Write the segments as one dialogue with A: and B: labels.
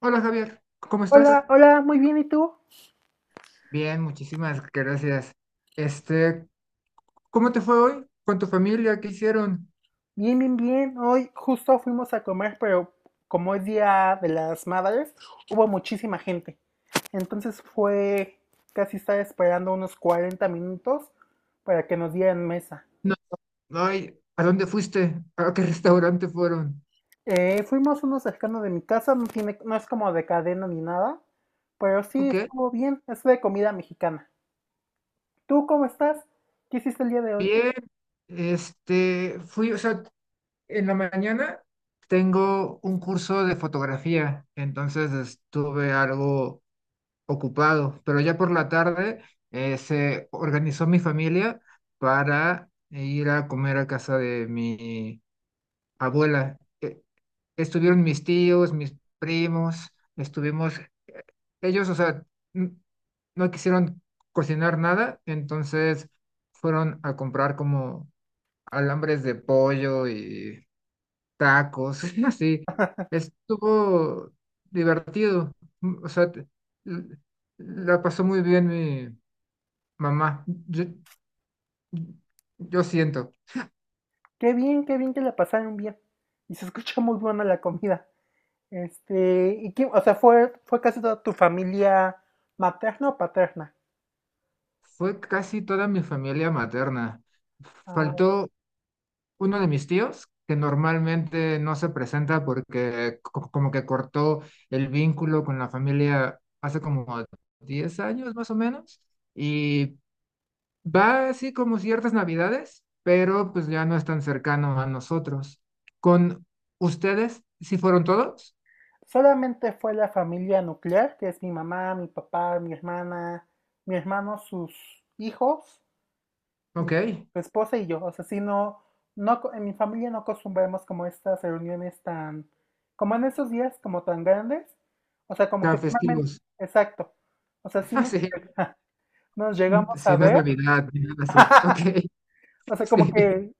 A: Hola Javier, ¿cómo estás?
B: Hola, hola, muy bien, ¿y tú?
A: Bien, muchísimas gracias. Este, ¿Cómo te fue hoy con tu familia? ¿Qué hicieron?
B: Bien, bien, bien. Hoy justo fuimos a comer, pero como es Día de las Madres, hubo muchísima gente. Entonces fue casi estar esperando unos 40 minutos para que nos dieran mesa.
A: No, ay, ¿a dónde fuiste? ¿A qué restaurante fueron?
B: Fuimos uno cercano de mi casa, no tiene, no es como de cadena ni nada, pero sí
A: Ok,
B: estuvo bien, es de comida mexicana. ¿Tú cómo estás? ¿Qué hiciste el día de hoy?
A: bien. O sea, en la mañana tengo un curso de fotografía, entonces estuve algo ocupado, pero ya por la tarde se organizó mi familia para ir a comer a casa de mi abuela. Estuvieron mis tíos, mis primos, estuvimos, eh, ellos, o sea, n- no quisieron cocinar nada, entonces fueron a comprar como alambres de pollo y tacos, así. Estuvo divertido, o sea, l- la pasó muy bien mi mamá. Yo siento,
B: Qué bien que la pasaron bien. Y se escucha muy buena la comida. ¿Y quién, o sea, fue casi toda tu familia materna o paterna?
A: fue casi toda mi familia materna.
B: Ah, ok.
A: Faltó uno de mis tíos, que normalmente no se presenta porque como que cortó el vínculo con la familia hace como 10 años más o menos, y va así como ciertas navidades, pero pues ya no es tan cercano a nosotros. ¿Con ustedes si fueron todos?
B: Solamente fue la familia nuclear, que es mi mamá, mi papá, mi hermana, mi hermano, sus hijos, y
A: Ok,
B: su esposa y yo. O sea, si no, no, en mi familia no acostumbramos como estas reuniones tan, como en esos días, como tan grandes. O sea, como que
A: tan
B: normalmente,
A: festivos.
B: exacto. O sea, sí
A: Ah,
B: nos,
A: sí.
B: nos
A: Mm,
B: llegamos a
A: sí, no es
B: ver.
A: Navidad ni nada así. Ok,
B: O sea, como que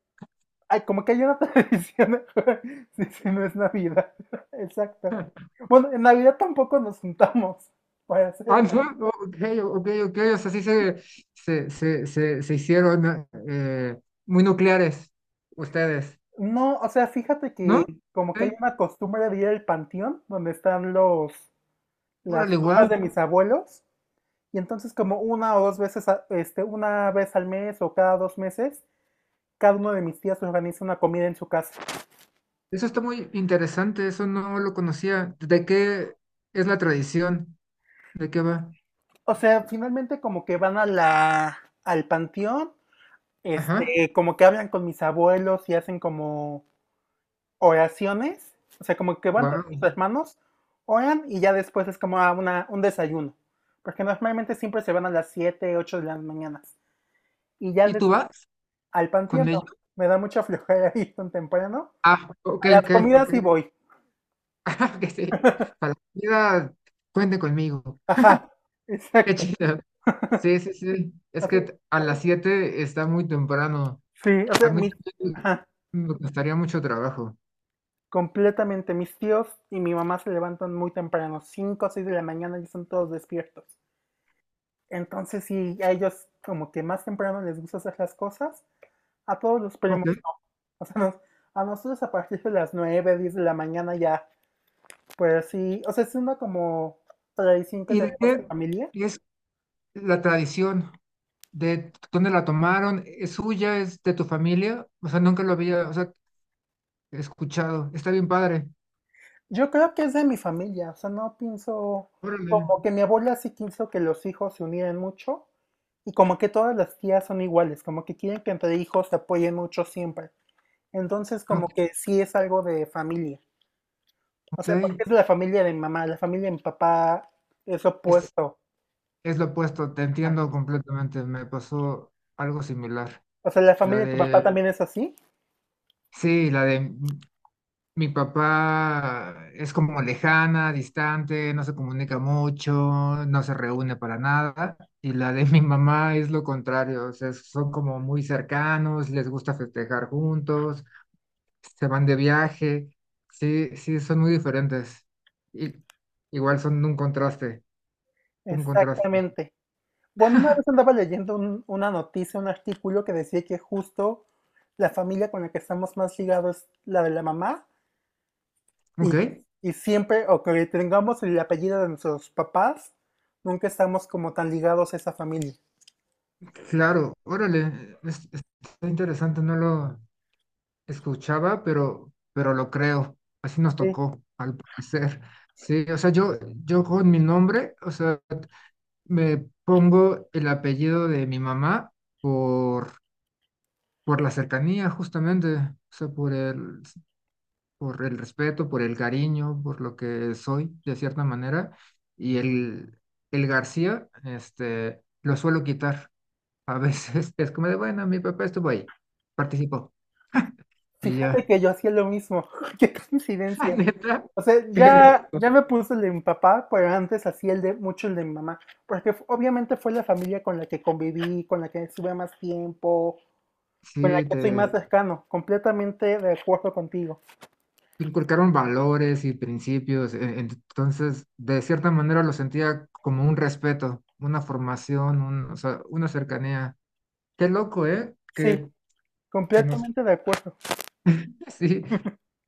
B: ay, como que hay una tradición. Sí, sí, no es Navidad. Exacto.
A: sí.
B: Bueno, en Navidad tampoco nos juntamos para hacer.
A: Ah, ok, ok, ok, o sea, sí se hicieron muy nucleares ustedes,
B: No, o sea, fíjate que
A: ¿no?
B: como que hay
A: Ok,
B: una costumbre de ir al panteón donde están los las
A: órale, wow,
B: tumbas de mis abuelos, y entonces como una o dos veces, una vez al mes o cada 2 meses, cada uno de mis tías organiza una comida en su casa.
A: eso está muy interesante, eso no lo conocía. ¿De qué es la tradición? ¿De qué va?
B: O sea, finalmente como que van a la al panteón,
A: Ajá,
B: como que hablan con mis abuelos y hacen como oraciones, o sea, como que van todos
A: wow.
B: los hermanos, oran y ya después es como un desayuno, porque normalmente siempre se van a las 7, 8 de las mañanas y ya
A: ¿Y tú vas
B: al
A: con
B: panteón,
A: ellos?
B: no, me da mucha flojera ir tan temprano,
A: Ah, ok,
B: a las
A: ok,
B: comidas
A: ok.
B: sí voy,
A: Ah, que sí, para la comida, cuente conmigo.
B: ajá,
A: Qué
B: exacto,
A: chido. Sí, sí, sí, es
B: así,
A: que a las 7 está muy temprano.
B: sí, o
A: A
B: sea,
A: mí
B: mi,
A: también
B: ajá,
A: me costaría mucho trabajo.
B: completamente, mis tíos y mi mamá se levantan muy temprano, 5, o 6 de la mañana y están todos despiertos. Entonces, sí, a ellos como que más temprano les gusta hacer las cosas. A todos los primos,
A: Ok.
B: o sea, a nosotros a partir de las 9 10 de la mañana ya, pues sí, o sea, es una como tradición que
A: ¿Y de
B: tenemos en
A: qué
B: familia.
A: es la tradición? ¿De dónde la tomaron? ¿Es suya? ¿Es de tu familia? O sea, nunca lo había, o sea, escuchado. Está bien padre.
B: Yo creo que es de mi familia, o sea, no pienso,
A: Órale.
B: como que mi abuela sí quiso que los hijos se unieran mucho y como que todas las tías son iguales, como que quieren que entre hijos se apoyen mucho siempre. Entonces,
A: Ok.
B: como que sí es algo de familia. O sea, porque
A: Ok.
B: es la familia de mi mamá, la familia de mi papá es
A: Es,
B: opuesto.
A: es lo opuesto, te
B: Ah,
A: entiendo completamente. Me pasó algo similar.
B: o sea, la
A: La
B: familia de tu papá
A: de,
B: también es así.
A: sí, la de mi papá es como lejana, distante, no se comunica mucho, no se reúne para nada. Y la de mi mamá es lo contrario, o sea, son como muy cercanos, les gusta festejar juntos, se van de viaje. Sí, sí, son muy diferentes. Y, igual son un contraste, un contraste.
B: Exactamente. Bueno, una vez andaba leyendo una noticia, un artículo que decía que justo la familia con la que estamos más ligados es la de la mamá y,
A: Ok,
B: y siempre, o que tengamos el apellido de nuestros papás, nunca estamos como tan ligados a esa familia.
A: claro, órale, está interesante, no lo escuchaba, pero lo creo. Así nos
B: Sí.
A: tocó, al parecer. Sí, o sea, yo con mi nombre, o sea, me pongo el apellido de mi mamá por, por la cercanía, justamente. O sea, por el respeto, por el cariño, por lo que soy, de cierta manera. Y el García, lo suelo quitar. A veces es como de, bueno, mi papá estuvo ahí, participó. Y
B: Fíjate
A: ya,
B: que yo hacía lo mismo, qué
A: la
B: coincidencia.
A: neta,
B: O sea,
A: qué
B: ya,
A: loco.
B: ya me puse el de mi papá, pero antes hacía el de mucho el de mi mamá, porque obviamente fue la familia con la que conviví, con la que estuve más tiempo, con la
A: Sí,
B: que soy
A: te
B: más cercano, completamente de acuerdo contigo.
A: inculcaron valores y principios, entonces de cierta manera lo sentía como un respeto, una formación, o sea, una cercanía. Qué loco, ¿eh?
B: Sí,
A: Que nos...
B: completamente de acuerdo.
A: Sí,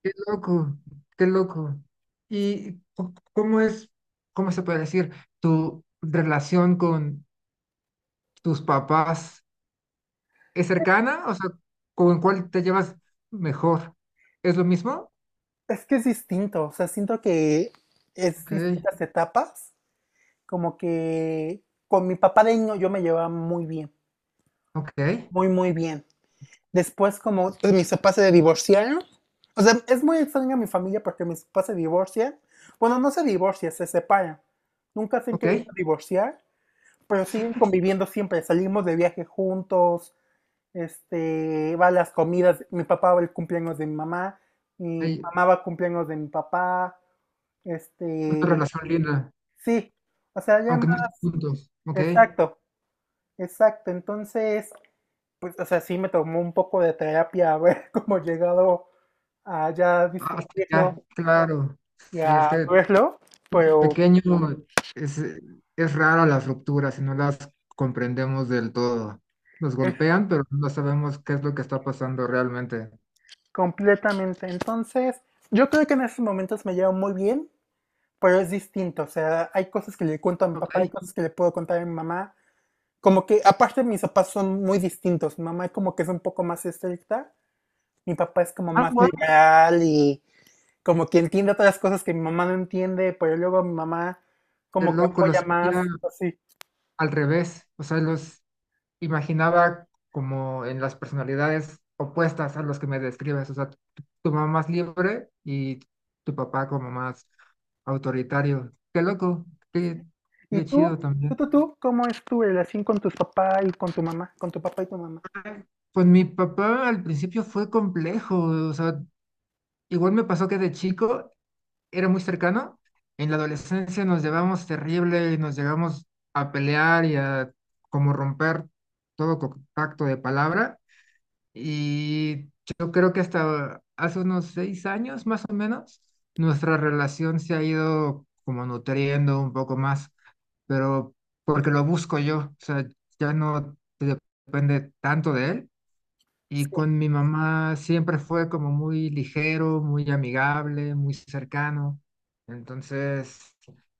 A: qué loco, qué loco. ¿Y cómo es, cómo se puede decir, tu relación con tus papás es cercana? O sea, ¿con cuál te llevas mejor? ¿Es lo mismo?
B: Es que es distinto, o sea, siento que es
A: Ok,
B: distintas etapas, como que con mi papá de niño yo me llevaba muy bien,
A: ok,
B: muy, muy bien. Después como pues, mis papás se divorciaron, o sea, es muy extraña mi familia porque mis papás se divorcian, bueno, no se divorcian, se separan, nunca se han
A: ok.
B: querido divorciar, pero siguen conviviendo siempre, salimos de viaje juntos, va a las comidas, mi papá va al cumpleaños de mi
A: Ahí-
B: mamá va al cumpleaños de mi papá,
A: Una
B: este,
A: relación linda,
B: sí, o sea, ya
A: aunque no estén juntos, ¿ok?
B: exacto, exacto, entonces, pues, o sea, sí me tomó un poco de terapia haber como llegado a ya
A: Ah, sí, ya,
B: distinguirlo
A: claro.
B: y
A: Sí, es
B: a
A: que
B: verlo, pero
A: pequeño es, es raro las rupturas y no las comprendemos del todo. Nos
B: eh,
A: golpean, pero no sabemos qué es lo que está pasando realmente.
B: completamente, entonces, yo creo que en esos momentos me llevo muy bien, pero es distinto, o sea, hay cosas que le cuento a mi papá, hay
A: Ok.
B: cosas que le puedo contar a mi mamá. Como que, aparte, mis papás son muy distintos. Mi mamá es como que es un poco más estricta. Mi papá es como
A: Ah,
B: más
A: bueno.
B: liberal y como que entiende otras cosas que mi mamá no entiende, pero luego mi mamá como
A: El
B: que
A: loco lo
B: apoya más,
A: sentía
B: así.
A: al revés. O sea, imaginaba como en las personalidades opuestas a los que me describes, o sea, tu mamá más libre y tu papá como más autoritario. Qué loco, qué,
B: ¿Y
A: qué chido
B: tú? ¿Tú,
A: también.
B: tú, tú? ¿Cómo es tu relación con tus papás y con tu mamá? Con tu papá y tu mamá.
A: Pues mi papá al principio fue complejo, o sea, igual me pasó que de chico era muy cercano, en la adolescencia nos llevamos terrible, nos llegamos a pelear y a como romper todo contacto de palabra. Y yo creo que hasta hace unos 6 años más o menos, nuestra relación se ha ido como nutriendo un poco más, pero porque lo busco yo, o sea, ya no depende tanto de él. Y
B: Sí.
A: con mi mamá siempre fue como muy ligero, muy amigable, muy cercano. Entonces,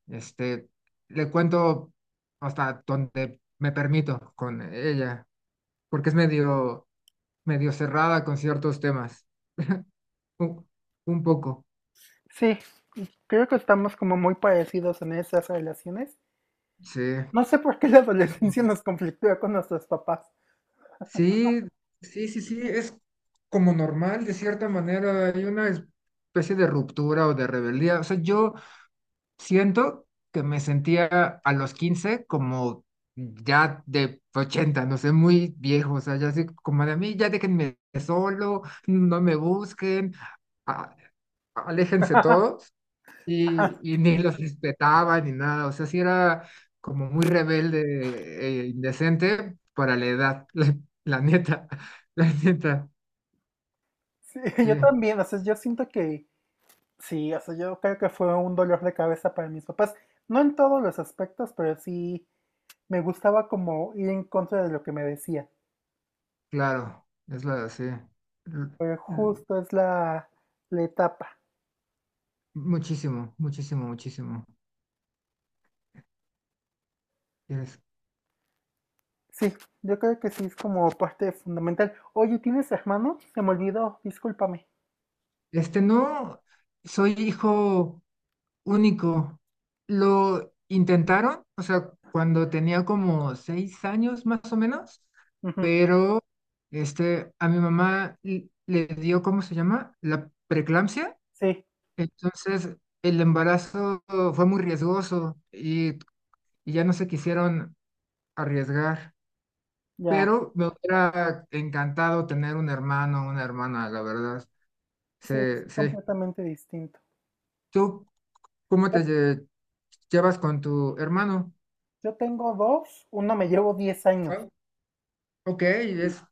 A: este, le cuento hasta donde me permito con ella, porque es medio cerrada con ciertos temas. Un, un poco.
B: Sí, creo que estamos como muy parecidos en esas relaciones.
A: Sí.
B: No sé por qué la adolescencia nos conflictúa con nuestros papás.
A: Sí, sí, sí, sí. Es como normal, de cierta manera. Hay una especie de ruptura o de rebeldía. O sea, yo siento que me sentía a los 15 como ya de 80, no sé, muy viejo. O sea, ya así como de a mí, ya déjenme solo, no me busquen, a- aléjense todos. Y ni los respetaba ni nada, o sea, sí era como muy rebelde e indecente para la edad, la neta, la neta,
B: Sí,
A: sí,
B: yo también, o sea, yo siento que sí, o sea, yo creo que fue un dolor de cabeza para mis papás. No en todos los aspectos, pero sí me gustaba como ir en contra de lo que me decía.
A: claro, sí,
B: Pero
A: l-
B: justo es la etapa.
A: muchísimo, muchísimo, muchísimo, Eres-
B: Sí, yo creo que sí es como parte fundamental. Oye, ¿tienes hermano? Se me olvidó, discúlpame.
A: Este, no, soy hijo único. Lo intentaron, o sea, cuando tenía como 6 años más o menos,
B: Ujú,
A: pero a mi mamá le dio, ¿cómo se llama? La preeclampsia.
B: sí,
A: Entonces, el embarazo fue muy riesgoso y ya no se quisieron arriesgar.
B: ya.
A: Pero me hubiera encantado tener un hermano o una hermana, la verdad. Sí,
B: Sí, es
A: sí.
B: completamente distinto.
A: ¿Tú cómo
B: Yo,
A: te llevas con tu hermano?
B: yo tengo dos, uno me llevo 10 años.
A: Ok,
B: y
A: es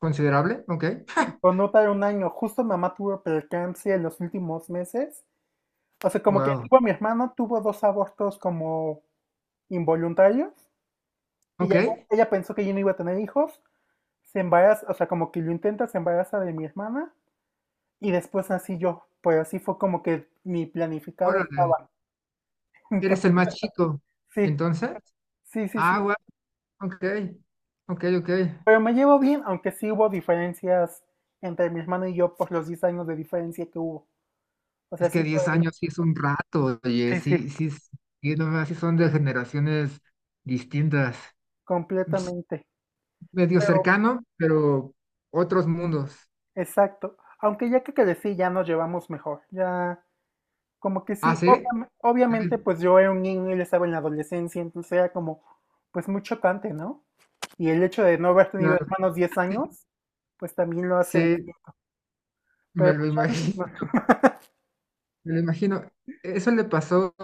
A: considerable, ok.
B: y con otra un año. Justo mamá tuvo preeclampsia en los últimos meses. O sea, como que
A: Wow,
B: tipo, mi hermano tuvo dos abortos como involuntarios y
A: ok.
B: ella pensó que yo no iba a tener hijos, se embaraza, o sea, como que lo intenta, se embaraza de mi hermana y después nací yo. Pues así fue como que mi planificado
A: Órale,
B: estaba.
A: eres
B: Entonces,
A: el más chico.
B: sí,
A: Entonces,
B: sí, sí, sí.
A: ah, wow, ok, ok, ok.
B: Pero me llevo bien, aunque sí hubo diferencias entre mi hermano y yo por los 10 años de diferencia que hubo. O sea,
A: Es que
B: sí
A: diez
B: fue.
A: años sí es un rato, oye,
B: Sí, sí.
A: sí, sí, sí, no más, sí son de generaciones distintas. Es
B: Completamente.
A: medio
B: Pero,
A: cercano, pero otros mundos.
B: exacto. Aunque ya que crecí, ya nos llevamos mejor. Ya como que
A: Ah,
B: sí,
A: sí,
B: obviamente,
A: ok,
B: pues yo era un niño, él estaba en la adolescencia, entonces era como, pues muy chocante, ¿no? Y el hecho de no haber tenido
A: claro,
B: hermanos 10 años, pues también lo hace
A: sí,
B: distinto.
A: me
B: Pero
A: lo
B: pues ya no es,
A: imagino.
B: no-
A: Me lo imagino, eso le pasó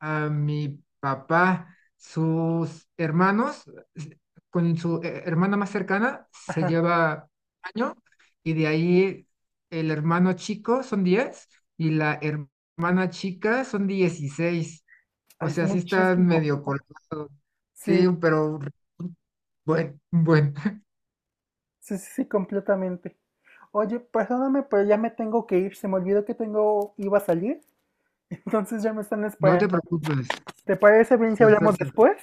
A: a mi papá. Sus hermanos, s- con su hermana más cercana, se lleva año y de ahí el hermano chico son 10 y la hermana chica son 16. O
B: es
A: sea, sí están
B: muchísimo.
A: medio cortos. Sí,
B: Sí,
A: pero bueno, bueno,
B: sí, sí, sí, completamente. Oye, perdóname, pero ya me tengo que ir, se me olvidó que tengo, iba a salir, entonces ya me están
A: no
B: esperando.
A: te preocupes.
B: ¿Te parece bien si hablamos
A: Perfecto.
B: después?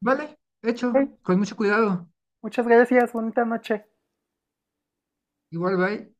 A: Vale, hecho, con mucho cuidado.
B: Muchas gracias, bonita noche.
A: Igual, bye.